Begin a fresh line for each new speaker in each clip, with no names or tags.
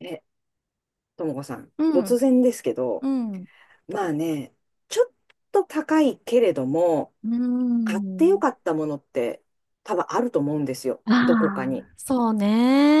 え、ともこさん、
う
突
ん、
然ですけ
う
ど、
ん、
まあね、ちょっと高いけれども、
う
買ってよ
ん。
かったものって多分あると思うんですよ。どこか
あ
に。
あ、そう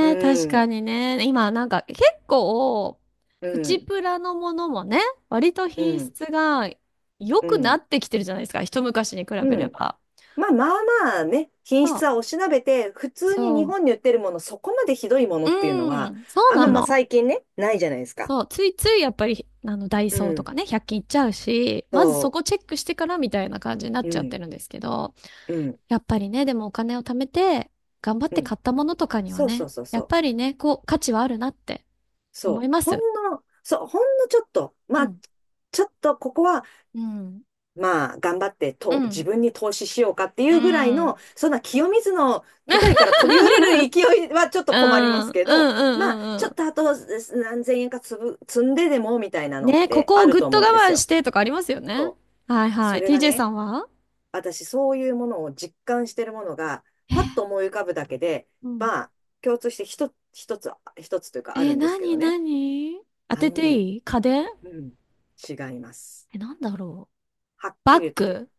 う
確か
ん、
にね。今、なんか結構、
う
プチ
ん、
プラのものもね、割と
う
品
ん、
質が良
う
くな
ん、
ってきてるじゃないですか。一昔に比
う
べれ
ん。
ば。
まあまあまあね、品
そ
質
う、
はおしなべて、普通に
そ
日
う。
本に売ってるもの、そこまでひどいもの
う
っていうのは、
ん、そう
あん
な
ままあ
の。
最近ね、ないじゃないですか。
そう、ついついやっぱり、ダイ
う
ソーとか
ん、
ね、100均行っちゃうし、まずそ
そ
こチェックしてからみたいな感じになっ
う、う
ちゃっ
ん、
てるんですけど。
うん、
やっぱりね、でもお金を貯めて、頑張っ
う
て
ん。
買ったものとかには
そうそ
ね、
うそう
や
そ
っ
う。
ぱりね、こう、価値はあるなって思
そう、
います。
ほんのちょっと、
う
まあ、
ん、
ちょっとここは、
うん、
まあ、頑張って
う
と、自
ん、
分に投資しようかってい
う
うぐらいの、
ん。
そんな清水の舞台から飛び降りる 勢いはちょっと
う
困りま
ん
す
うん、
け
う
ど、
ん、
まあ、
うん、
ちょっ
う
とあとす何千円か積んででもみたいな
ん。
のっ
ね、こ
て
こ
あ
を
る
ぐっ
と
と
思うんで
我
す
慢し
よ。
てとかありますよね。
そう。
はい
そ
はい。
れが
TJ さ
ね、
んは、
私、そういうものを実感してるものが、パッと思い浮かぶだけで、
うん。
まあ、共通して一つというかあ
え
る
ー、
んです
な
けど
に
ね。
なに、当
あ
て
の
て
ね、
いい。家電？
うん、違います。
え、なんだろう。
はっき
バ
り
ッ
言って、
グ？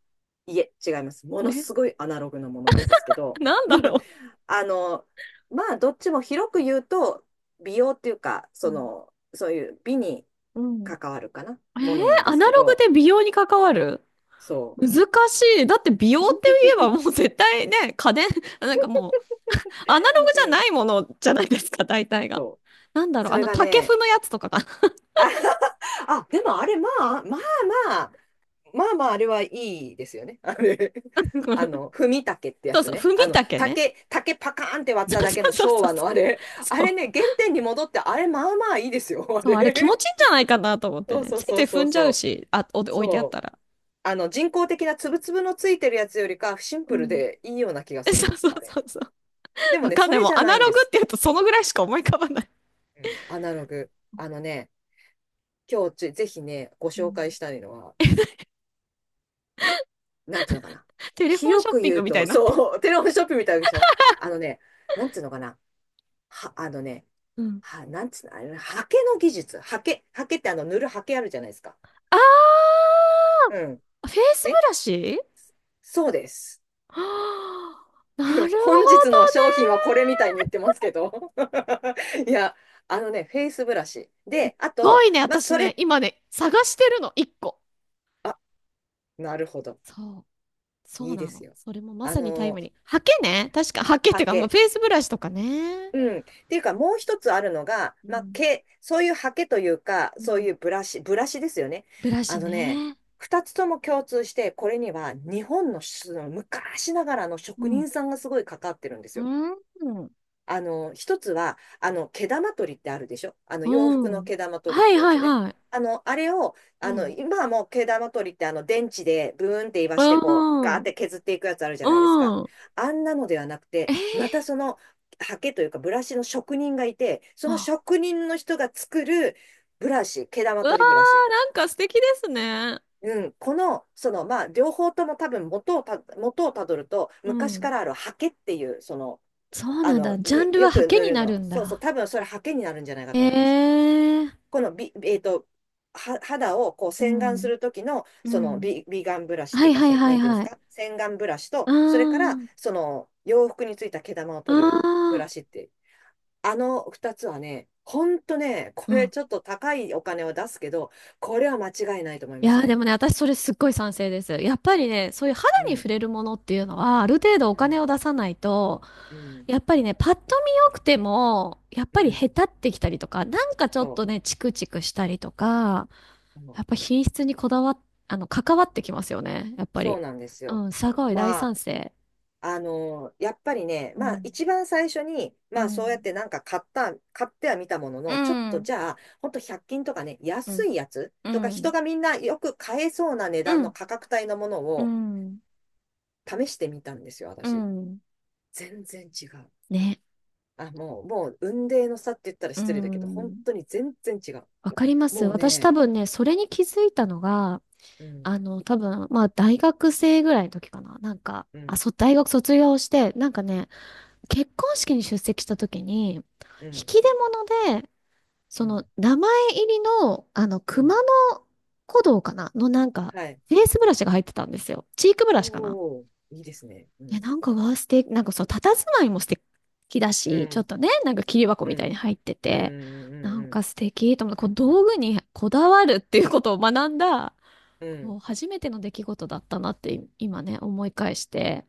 いえ、違います。もの
え、
すごいアナログなものなんですけど、
なんだ ろ
あの、まあ、どっちも広く言うと、美容っていうか、
う。う
そ
ん。
の、そういう美に
うん。
関わるかな、
え
も
ー、
のなんで
ア
す
ナ
け
ログ
ど、
で美容に関わる。
そ
難しい。だって美
う。
容って 言えばもう絶対ね、家電、なんかもうアナログ
う
じゃ
ん、
ないものじゃないですか、大体が。
そう。
なんだろう、
それが
竹
ね、
踏むやつとかかな。
あ、あでもあれ、まあ、まあまあ、あれはいいですよね。あれ、あ の、踏み竹ってや
そう
つ
そう、
ね。
踏
あ
み
の、
竹ね。
竹パカーンって 割っ
そう
ただけの
そうそ
昭
うそ
和
う。
のあれ。あ
そ
れ
う、
ね、原点に戻って、あれ、まあまあいいですよ、あ
そう、あれ気持
れ。
ちいいんじゃないかなと思って
そう
ね。
そ
つ
う
いつ
そ
い
うそ
踏
う
んじゃ
そ
う
う。
し、あ、お置いてあっ
そ
た
う。
ら。
あの、人工的なつぶつぶのついてるやつよりか、シン
う
プル
ん。
でいいような気が し
そ
ま
う
す、
そう
あれ。
そうそう。
でも
わ
ね、
かん
そ
ない。
れ
もう
じゃ
ア
な
ナ
いん
ロ
で
グって
す。
言うとそのぐらいしか思い浮かばない。
うん、アナログ。あのね、今日ぜひね、ご
う
紹介
ん。
したいのは、なんていうのかな。
テレフォンシ
広
ョッ
く
ピン
言
グ
う
みたい
と、
になってる。
そう、テレホンショップみたいでしょ。あのね、なんていうのかな。は、あのね、
うん。
は、なんつうの、あれね、刷毛の技術。刷毛ってあの、塗る刷毛あるじゃないですか。
あ
うん。
ー、フェイス
ね。
ブラシ。
そうです。
はあ、なるほど ね。
本日の商品はこれみたいに言ってますけど。いや、あのね、フェイスブラシ。で、あ
すご
と、
いね、
まあ、
私
そ
ね、
れ、
今ね、探してるの、一個。
あ、なるほど。
そう、そ
い
う
いで
な
す
の。
よ。
それもま
あ
さにタイム
の、
リー。ハケね、確か、ハケっ
刷
ていうか、
毛。
フェイスブラシとかね。
うん。っていうか、もう一つあるのが、
う
まあ、
ん、
毛、そういうハケというか、
う
そう
ん。
いうブラシですよね。
ブラ
あ
シ
のね、
ね。
二つとも共通して、これには日本の、その昔ながらの
う
職
ん。
人さんがすごいかかってるんです
う
よ。
ん。
あの、一つは、あの、毛玉取りってあるでしょ、あの、
う
洋服の
ん。
毛玉取る
は
っ
い
てや
はい
つね。
はい。
あの、あれを、
う
あの、
ん。
今はもう毛玉取りってあの、電池でブーンって言わ
う
して、こう、ガーっ
ん。
て削っていくやつあるじゃ
う
ないですか。
ん。
あんなのではなくて、
えー、
またその、刷毛というかブラシの職人がいて、その
あ、
職人の人が作るブラシ、毛玉
うわー、
取りブラシ。
なんか素敵ですね。
うん、この、その、まあ、両方とも多分元をたどると、
う
昔か
ん。
らある刷毛っていう、その、
そう
あ
なんだ。
の、
ジャン
に
ル
よ
はハ
く
ケ
塗
に
る
な
の。
るん
そうそう、
だ。
多分それハケになるんじゃないか
え
と思います。
ー。
このビ、えっと、は、肌をこう
う
洗顔す
ん。
る時の、
う
その
ん。
ビ、ビガンブラシっ
は
ていう
い
か、
は
そ
い
の、
は
な
い
んていうんです
はい。
か、洗顔ブラシと、
あ
それから、
あ、
その洋服についた毛玉を
あ
取るブ
あ、
ラシって、あの2つはね、ほんとね、こ
う
れ
ん。
ちょっと高いお金を出すけど、これは間違いないと思い
い
まし
や
た
ーで
ね。
もね、私それすっごい賛成です。やっぱりね、そういう肌
う
に
ん、
触れるものっていうのは、ある程度お
う
金
ん、
を出さないと、
うん、
やっぱりね、パッと見良くても、やっ
う
ぱりへ
ん、
たってきたりとか、なんかちょっ
そ
とね、チクチクしたりとか、
う、そ
や
う
っぱ品質にこだわっ、関わってきますよね、やっぱ
そう
り。
なんです
う
よ。
ん、すごい大
まあ、
賛成。
あの、やっぱりね、
う
まあ
ん、
一番最初に、
う
まあそうやっ
ん、
てなんか買っては見たもの
う
の、ちょっと
ん、
じゃあ、ほんと100均とかね、
う
安
ん、
いやつ
う
とか人
ん。
がみんなよく買えそうな値
う
段の
ん
価格帯のもの
う
を
ん。
試してみたんですよ、
う
私。
ん。
全然違う。
ね。
あ、もう、雲泥の差って言ったら
う
失礼だけど、本
ん。
当に全然違う。
わかります。
もう
私多
ね、
分ね、それに気づいたのが、
うん、
多分、大学生ぐらいの時かな。なんか、
う
あ、
ん、
そ大学卒業して、なんかね、結婚式に出席した時に、引
う
き
ん、
出物で、
う
そ
ん、
の、名前入りの、
う
熊
ん。
野古道かなのなんか、
はい。
フェイスブラシが入ってたんですよ。チークブ
お
ラシかな、
お、いいですね。う
ね、
ん、
なんかワーステーなんかそう、佇まいも素敵だ
う
し、ちょっ
ん、
とね、なんか切り箱
う
みたいに
ん、
入って
うん、う
て、なん
ん、う
か
ん、
素敵と思って、こう道具にこだわるっていうことを学んだ、
う
こ
ん。
う初めての出来事だったなってい今ね、思い返して。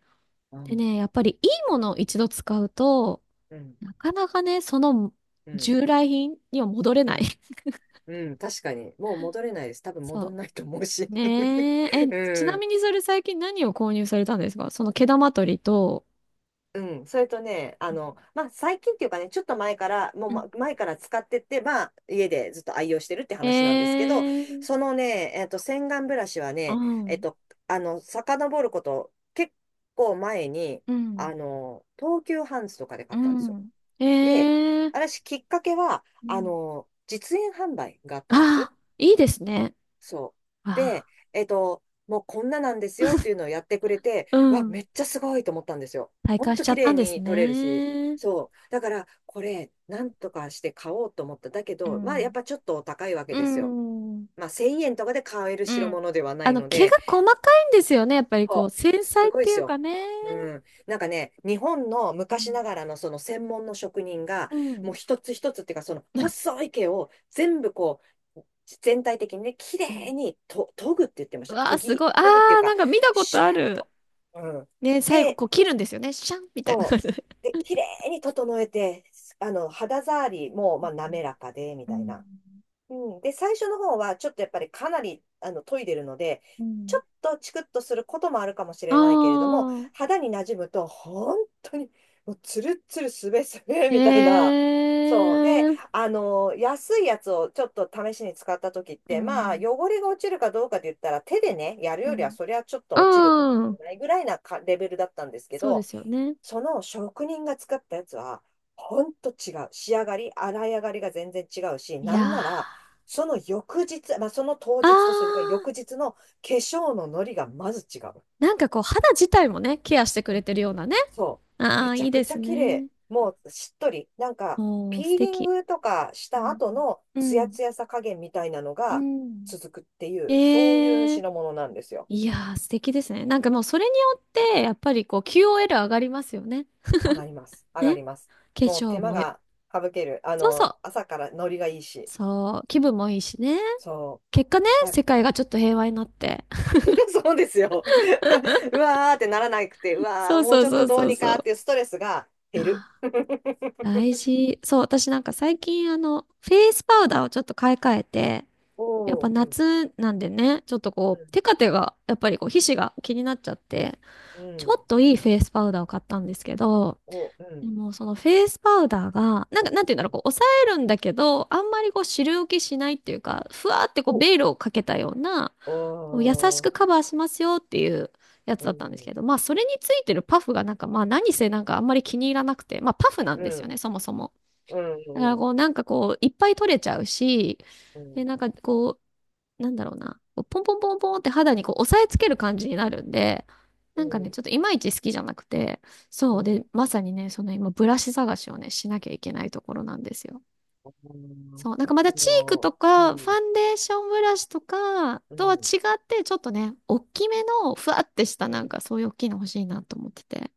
う
で
ん
ね、やっぱりいいものを一度使うと、
うん、
なかなかね、その
うん、
従来品には戻れ
う
ない。
ん、うん、確かに。もう戻れないです。多 分戻
そ
んないと思うし。
う。ねえ、え、ち
う
な
ん、
みにそれ最近何を購入されたんですか、その毛玉取りと、
うん。それとね、あの、まあ、最近っていうかね、ちょっと前から、もう
う
ま
ん、
前から使って、まあ、家でずっと愛用してるって
え
話なんですけど、
ー、
そのね、えっと、洗顔ブラシは
う
ね、えっ
ん。
と、あの、遡ること結構前に、
うん。
あの、東急ハンズとかで買ったんですよ。
うん。
で、
ええ、
私、きっかけは、
う
あ
ん。
の、実演販売があったんで
あ
す。
あ、いいですね。
そう。
あ
で、えっと、もうこんななんですよっていうのをやってくれて、
あ、う
うわ、
ん。
めっちゃすごいと思ったんですよ。
体
ほん
感し
と
ちゃ
綺
った
麗
んです
に撮れるし。
ね。
そう。だから、これ、なんとかして買おうと思った。だけ
う
ど、まあ、やっ
ん。
ぱちょっとお高いわけ
う
ですよ。
ん。
まあ、1000円とかで買える
う
代
ん。
物ではないの
毛
で、
が細かいんですよね。やっぱりこう、
そう、
繊
す
細っ
ごいで
てい
す
うか
よ。
ね。
うん。なんかね、日本の
う
昔
ん、
ながらのその専門の職人が、
うん。
もう一つ一つっていうか、その
う
細い毛を全部こう、全体的にね、綺麗
ん、
にと研ぐって言ってまし
う
た。
わあ、すごい。あ
研ぐっていう
あ、な
か、
んか見たこ
シ
と
ャー
あ
ッ
る。
と。うん。
ね、最後
で、
こう切るんですよね。シャンみたいな感
そ
じで。
う。で、綺麗に整えて、あの、肌触りも、まあ、滑らかで、み
う
たい
ん、
な。うん、で、最初の方は、ちょっとやっぱりかなり、あの、研いでるので、
う
ちょ
ん、
っとチクッとすることもあるかもし
あ
れないけれども、
あ
肌に馴染むと、本当に、もう、ツルッツル、すべすべ、
ー、
みたいな。
え
そう。で、
え、
あの、安いやつをちょっと試しに使った時っ
う
て、まあ、
ん。
汚れが落ちるかどうかで言ったら、手でね、やる
う
よりは、
ん。
そりゃちょっと落ちるかも
う
し
ん。
れないぐらいなかレベルだったんですけ
そうで
ど、
すよね。
その職人が作ったやつは、ほんと違う。仕上がり、洗い上がりが全然違うし、
い
な
や
んなら、
ー。
その翌日、まあ、その当
あー。
日とそれから翌日の化粧のノリがまず違う。
なんかこう、肌自体もね、ケアしてく
う
れ
ん
てるようなね。
そう。
あ
め
ー、
ち
い
ゃ
い
く
で
ち
す
ゃ綺麗。
ね。
もうしっとり。なんか、
もう、素
ピーリン
敵。
グとかし
う
た
ん。
後の
う
ツヤ
ん。
ツヤさ加減みたいなの
う
が
ん、
続くっていう、そういう
ええ、
品物なんですよ。
いやー、素敵ですね。なんかもうそれによって、やっぱりこう QOL 上がりますよね。
上がります。上が
ね。
ります。
化
もう
粧
手間
もよ、
が省ける。あ
そうそ
の、
う。
朝からノリがいいし。
そう、気分もいいしね。
そ
結果ね、
う。だ、
世界がちょっと平和になって。
そうですよ。うわーってならなくて、う わ
そ
ー、
う
もう
そう
ちょっ
そ
と
う
どう
そう
に
そ
かっ
う。
ていうストレスが
いや
減る。
ー、 大事。そう、私なんか最近フェイスパウダーをちょっと買い替えて、やっ
お
ぱ
ー、うん、
夏なんでね、ちょっとこう、テカテが、やっぱりこう、皮脂が気になっちゃって、
うん、う
ちょ
ん、
っといいフェイスパウダーを買ったんですけど、
お、う
で
ん、
もそのフェイスパウダーが、なんか、なんていうんだろう、こう、抑えるんだけど、あんまりこう、汁浮きしないっていうか、ふわーってこう、
お、
ベールをかけたような、
お
こう優し
ー、
くカバーしますよっていうやつ
う
だったんです
ん、
けど、それについてるパフがなんか、何せなんかあんまり気に入らなくて、パフなん
う
ですよね、
ん、
そもそも。
う
だか
ん、う
ら
ん、
こう、なんかこう、いっぱい取れちゃうし、
うん、
で、なんかこう、なんだろうな、こうポンポンポンポンって肌にこう、押さえつける感じになるんで、
う
なんかね、
ん、
ちょっといまいち好きじゃなくて、
う
そう、
ん、
で、まさにね、その今、ブラシ探しをね、しなきゃいけないところなんですよ。
うん、
そう、なんかまだ
あ
チーク
の、
と
う
か、フ
ん、
ァンデーションブラシとか
う
とは
ん、
違って、ちょっとね、大きめの、ふわってし
う
た、なん
ん。
かそういう大きいの欲しいなと思ってて。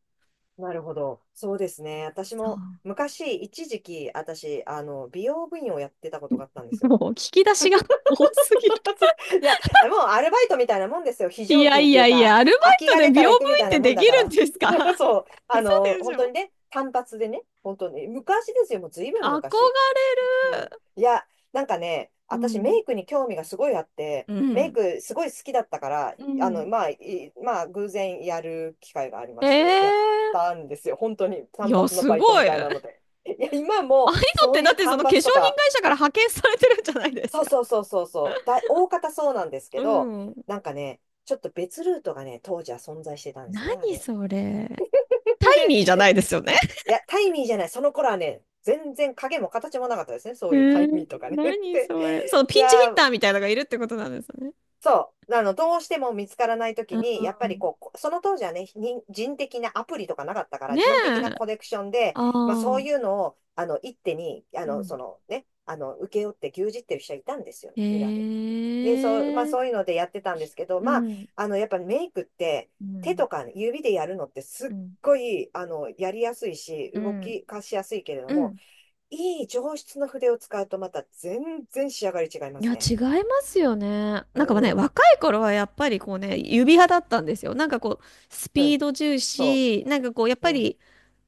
なるほど。そうですね。私
そ
も
う。
昔、一時期、私、あの、美容部員をやってたことがあったんですよ。
もう、引き出しが 多すぎる。
そう、いや、もうアルバイトみたいなもんですよ。非
い
常
や
勤っ
い
てい
や
う
い
か、
や、アルバ
空
イ
き
ト
が
で
出
美
た
容
ら
部
行くみた
員っ
い
て
なも
で
ん
き
だか
るん
ら。
ですか？
そう。
嘘でし
本当に
ょ、
ね、単発でね、本当に。昔ですよ。もうずいぶん昔。
憧れ
うん。
る。
いや、なんかね、
う
私メ
ん。
イクに興味がすごいあって、
う
メイ
ん。
クすごい好きだったから、
うん。
まあ、偶然やる機会がありまして、やっ
ええ、
たんですよ。本当に
い
単
や、
発の
す
バイト
ご
み
い。
たい
あ
なので。いや、今
あい
も
うのっ
そ
て
う
だ
い
っ
う
てそ
単
の化粧品会
発とか、
社から派遣されてるんじゃないですか。
大方そうなんです
う
けど、
ん。
なんかね、ちょっと別ルートがね、当時は存在してたんですね、あ
何
れ。
それ。タ イ
で、
ニーじゃないですよね。
いや、タイミーじゃない、その頃はね、全然影も形もなかったですね、そ
え
ういうタ
ー、
イミーとかね。
何
で、
それ。その
い
ピンチヒ
や
ッターみたいなのがいるってことなんですね。
そう、どうしても見つからないと
う
きに、やっぱり
ん。
こう、こその当時はね、人的なアプリとかなかったから、
ね
人的な
え。
コネクションで、
あ
まあそう
あ。
いうのを、一手に、
うん。
請け負って牛耳ってる人はいたんですよ、
へ
裏で。で、そう、まあ
え。
そういうのでやってたんですけど、
うん。
やっぱりメイクって
う
手
ん。
とか指でやるのってすっ
うん。
ごい、やりやすいし、
う
動
ん。
きかしやすいけれど
う
も、
ん、
いい上質の筆を使うとまた全然仕上がり違いま
い
す
や、違
ね。
いますよね。
う
なんかね、
ん、うん、
若い頃はやっぱりこうね、指派だったんですよ。なんかこう、スピード重
そ
視、なんかこう、やっ
う、う
ぱ
ん、
り、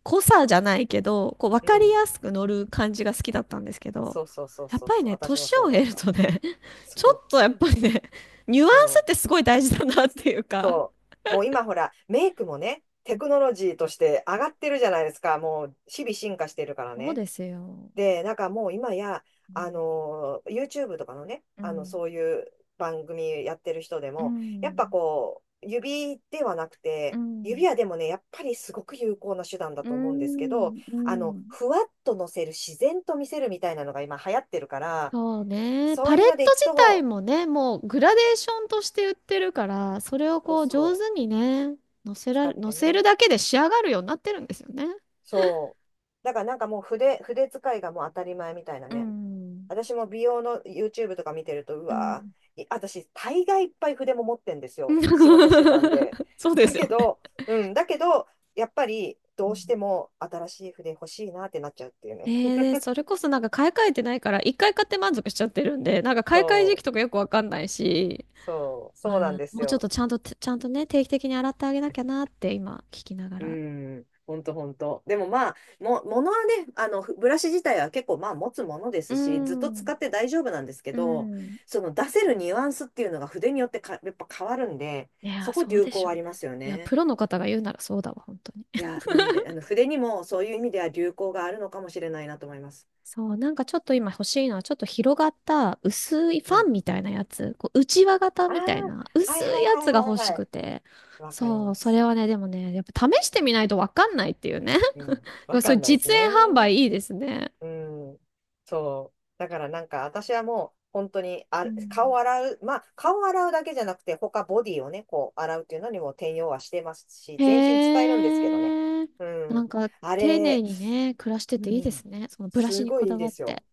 濃さじゃないけど、こう、わ
う
かり
ん、
やすく乗る感じが好きだったんですけど、
そうそうそう
やっ
そう
ぱり
そう、
ね、
私も
年
そう
を
だっ
経る
た。
とね、ちょ
そ
っと
う、
やっぱりね、ニュアンスっ
そう、
てすごい大事だなっていうか。
そう。もう今ほら、メイクもね、テクノロジーとして上がってるじゃないですか。もう日々進化してるから
そう
ね。
ですよ。
で、なんかもう今や、
うん、
YouTube とかのね、
うん。
そういう番組やってる人で
う
も、やっぱ
ん。
こう、指ではなく
う
て、
ん。
指はでもね、やっぱりすごく有効な手段だ
う
と思うんですけど、
ん。うん。
ふわっと乗せる、自然と見せるみたいなのが今流行ってるから、
そうね。
そ
パ
う
レ
い
ッ
うので
ト
いく
自体
と、
もね、もうグラデーションとして売ってるから、それを
そう
こう上
そう、
手にね、
使っ
乗
て
せる
ね。
だけで仕上がるようになってるんですよね。
そう。だからなんかもう筆使いがもう当たり前みたいな
う
ね。
ん。
私も美容の YouTube とか見てると、う
う
わ
ん。
ー、い私、大概いっぱい筆も持ってんですよ。仕事してたんで。
そうで
だ
すよ
け
ね。
ど、うん、だけど、やっぱり、ど
う
うし
ん、
ても新しい筆欲しいなってなっちゃうっていう
え
ね。
ー、でそれこそなんか買い替えてないから、一回買って満足しちゃってるんで、なんか買い替え時期
そう、
とかよくわかんないし、あ
そうなん
ー、
です
もうちょっ
よ。
とちゃんとね、定期的に洗ってあげなきゃなって今聞きなが
う
ら。
ん、ほんとほんと。でもまあ、ものはね、ブラシ自体は結構まあ持つもので
う
すし、ずっと使
ん。
って大丈夫なんですけ
う
ど、
ん、
その出せるニュアンスっていうのが筆によってか、やっぱ変わるんで、
いや、
そこ
そう
流
でし
行
ょう
あ
ね。
りますよ
いや、プ
ね。
ロの方が言うならそうだわ、本当に。
いや、うん、で、あの筆にもそういう意味では流行があるのかもしれないなと思います。
そう、なんかちょっと今欲しいのは、ちょっと広がった薄いフ
う
ァ
ん。
ンみたいなやつ、こう、型
あ
みたいな
あ、は
薄
い
い
はい
や
はい
つが
はい
欲し
は
く
い。
て。
わかり
そ
ま
う、そ
す。
れはね、でもね、やっぱ試してみないとわかんないっていうね。
うん。わ
そ
か
ういう
んないです
実演
ね。
販売いいですね。
うん。そう。だから私はもう本当に
うん。
顔洗うだけじゃなくて他ボディをね、こう洗うっていうのにも転用はしてますし、
へ
全身使えるんですけどね。
え。
う
な
ん。
んか
あ
丁寧
れ、
にね、暮らして
う
ていいで
ん。
すね。そのブラシ
す
に
ご
こ
いい
だ
い
わ
で
っ
すよ。
て。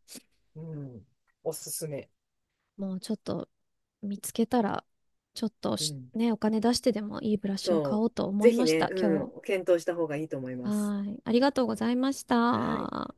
うん。おすすめ。
もうちょっと見つけたら、ちょっと
う
し
ん。
ね、お金出してでもいいブラシを買お
そ
うと
う。
思
ぜ
い
ひ
まし
ね、
た、今日。
うん、検討した方がいいと思います。
はーい。ありがとうございまし
はい。
た。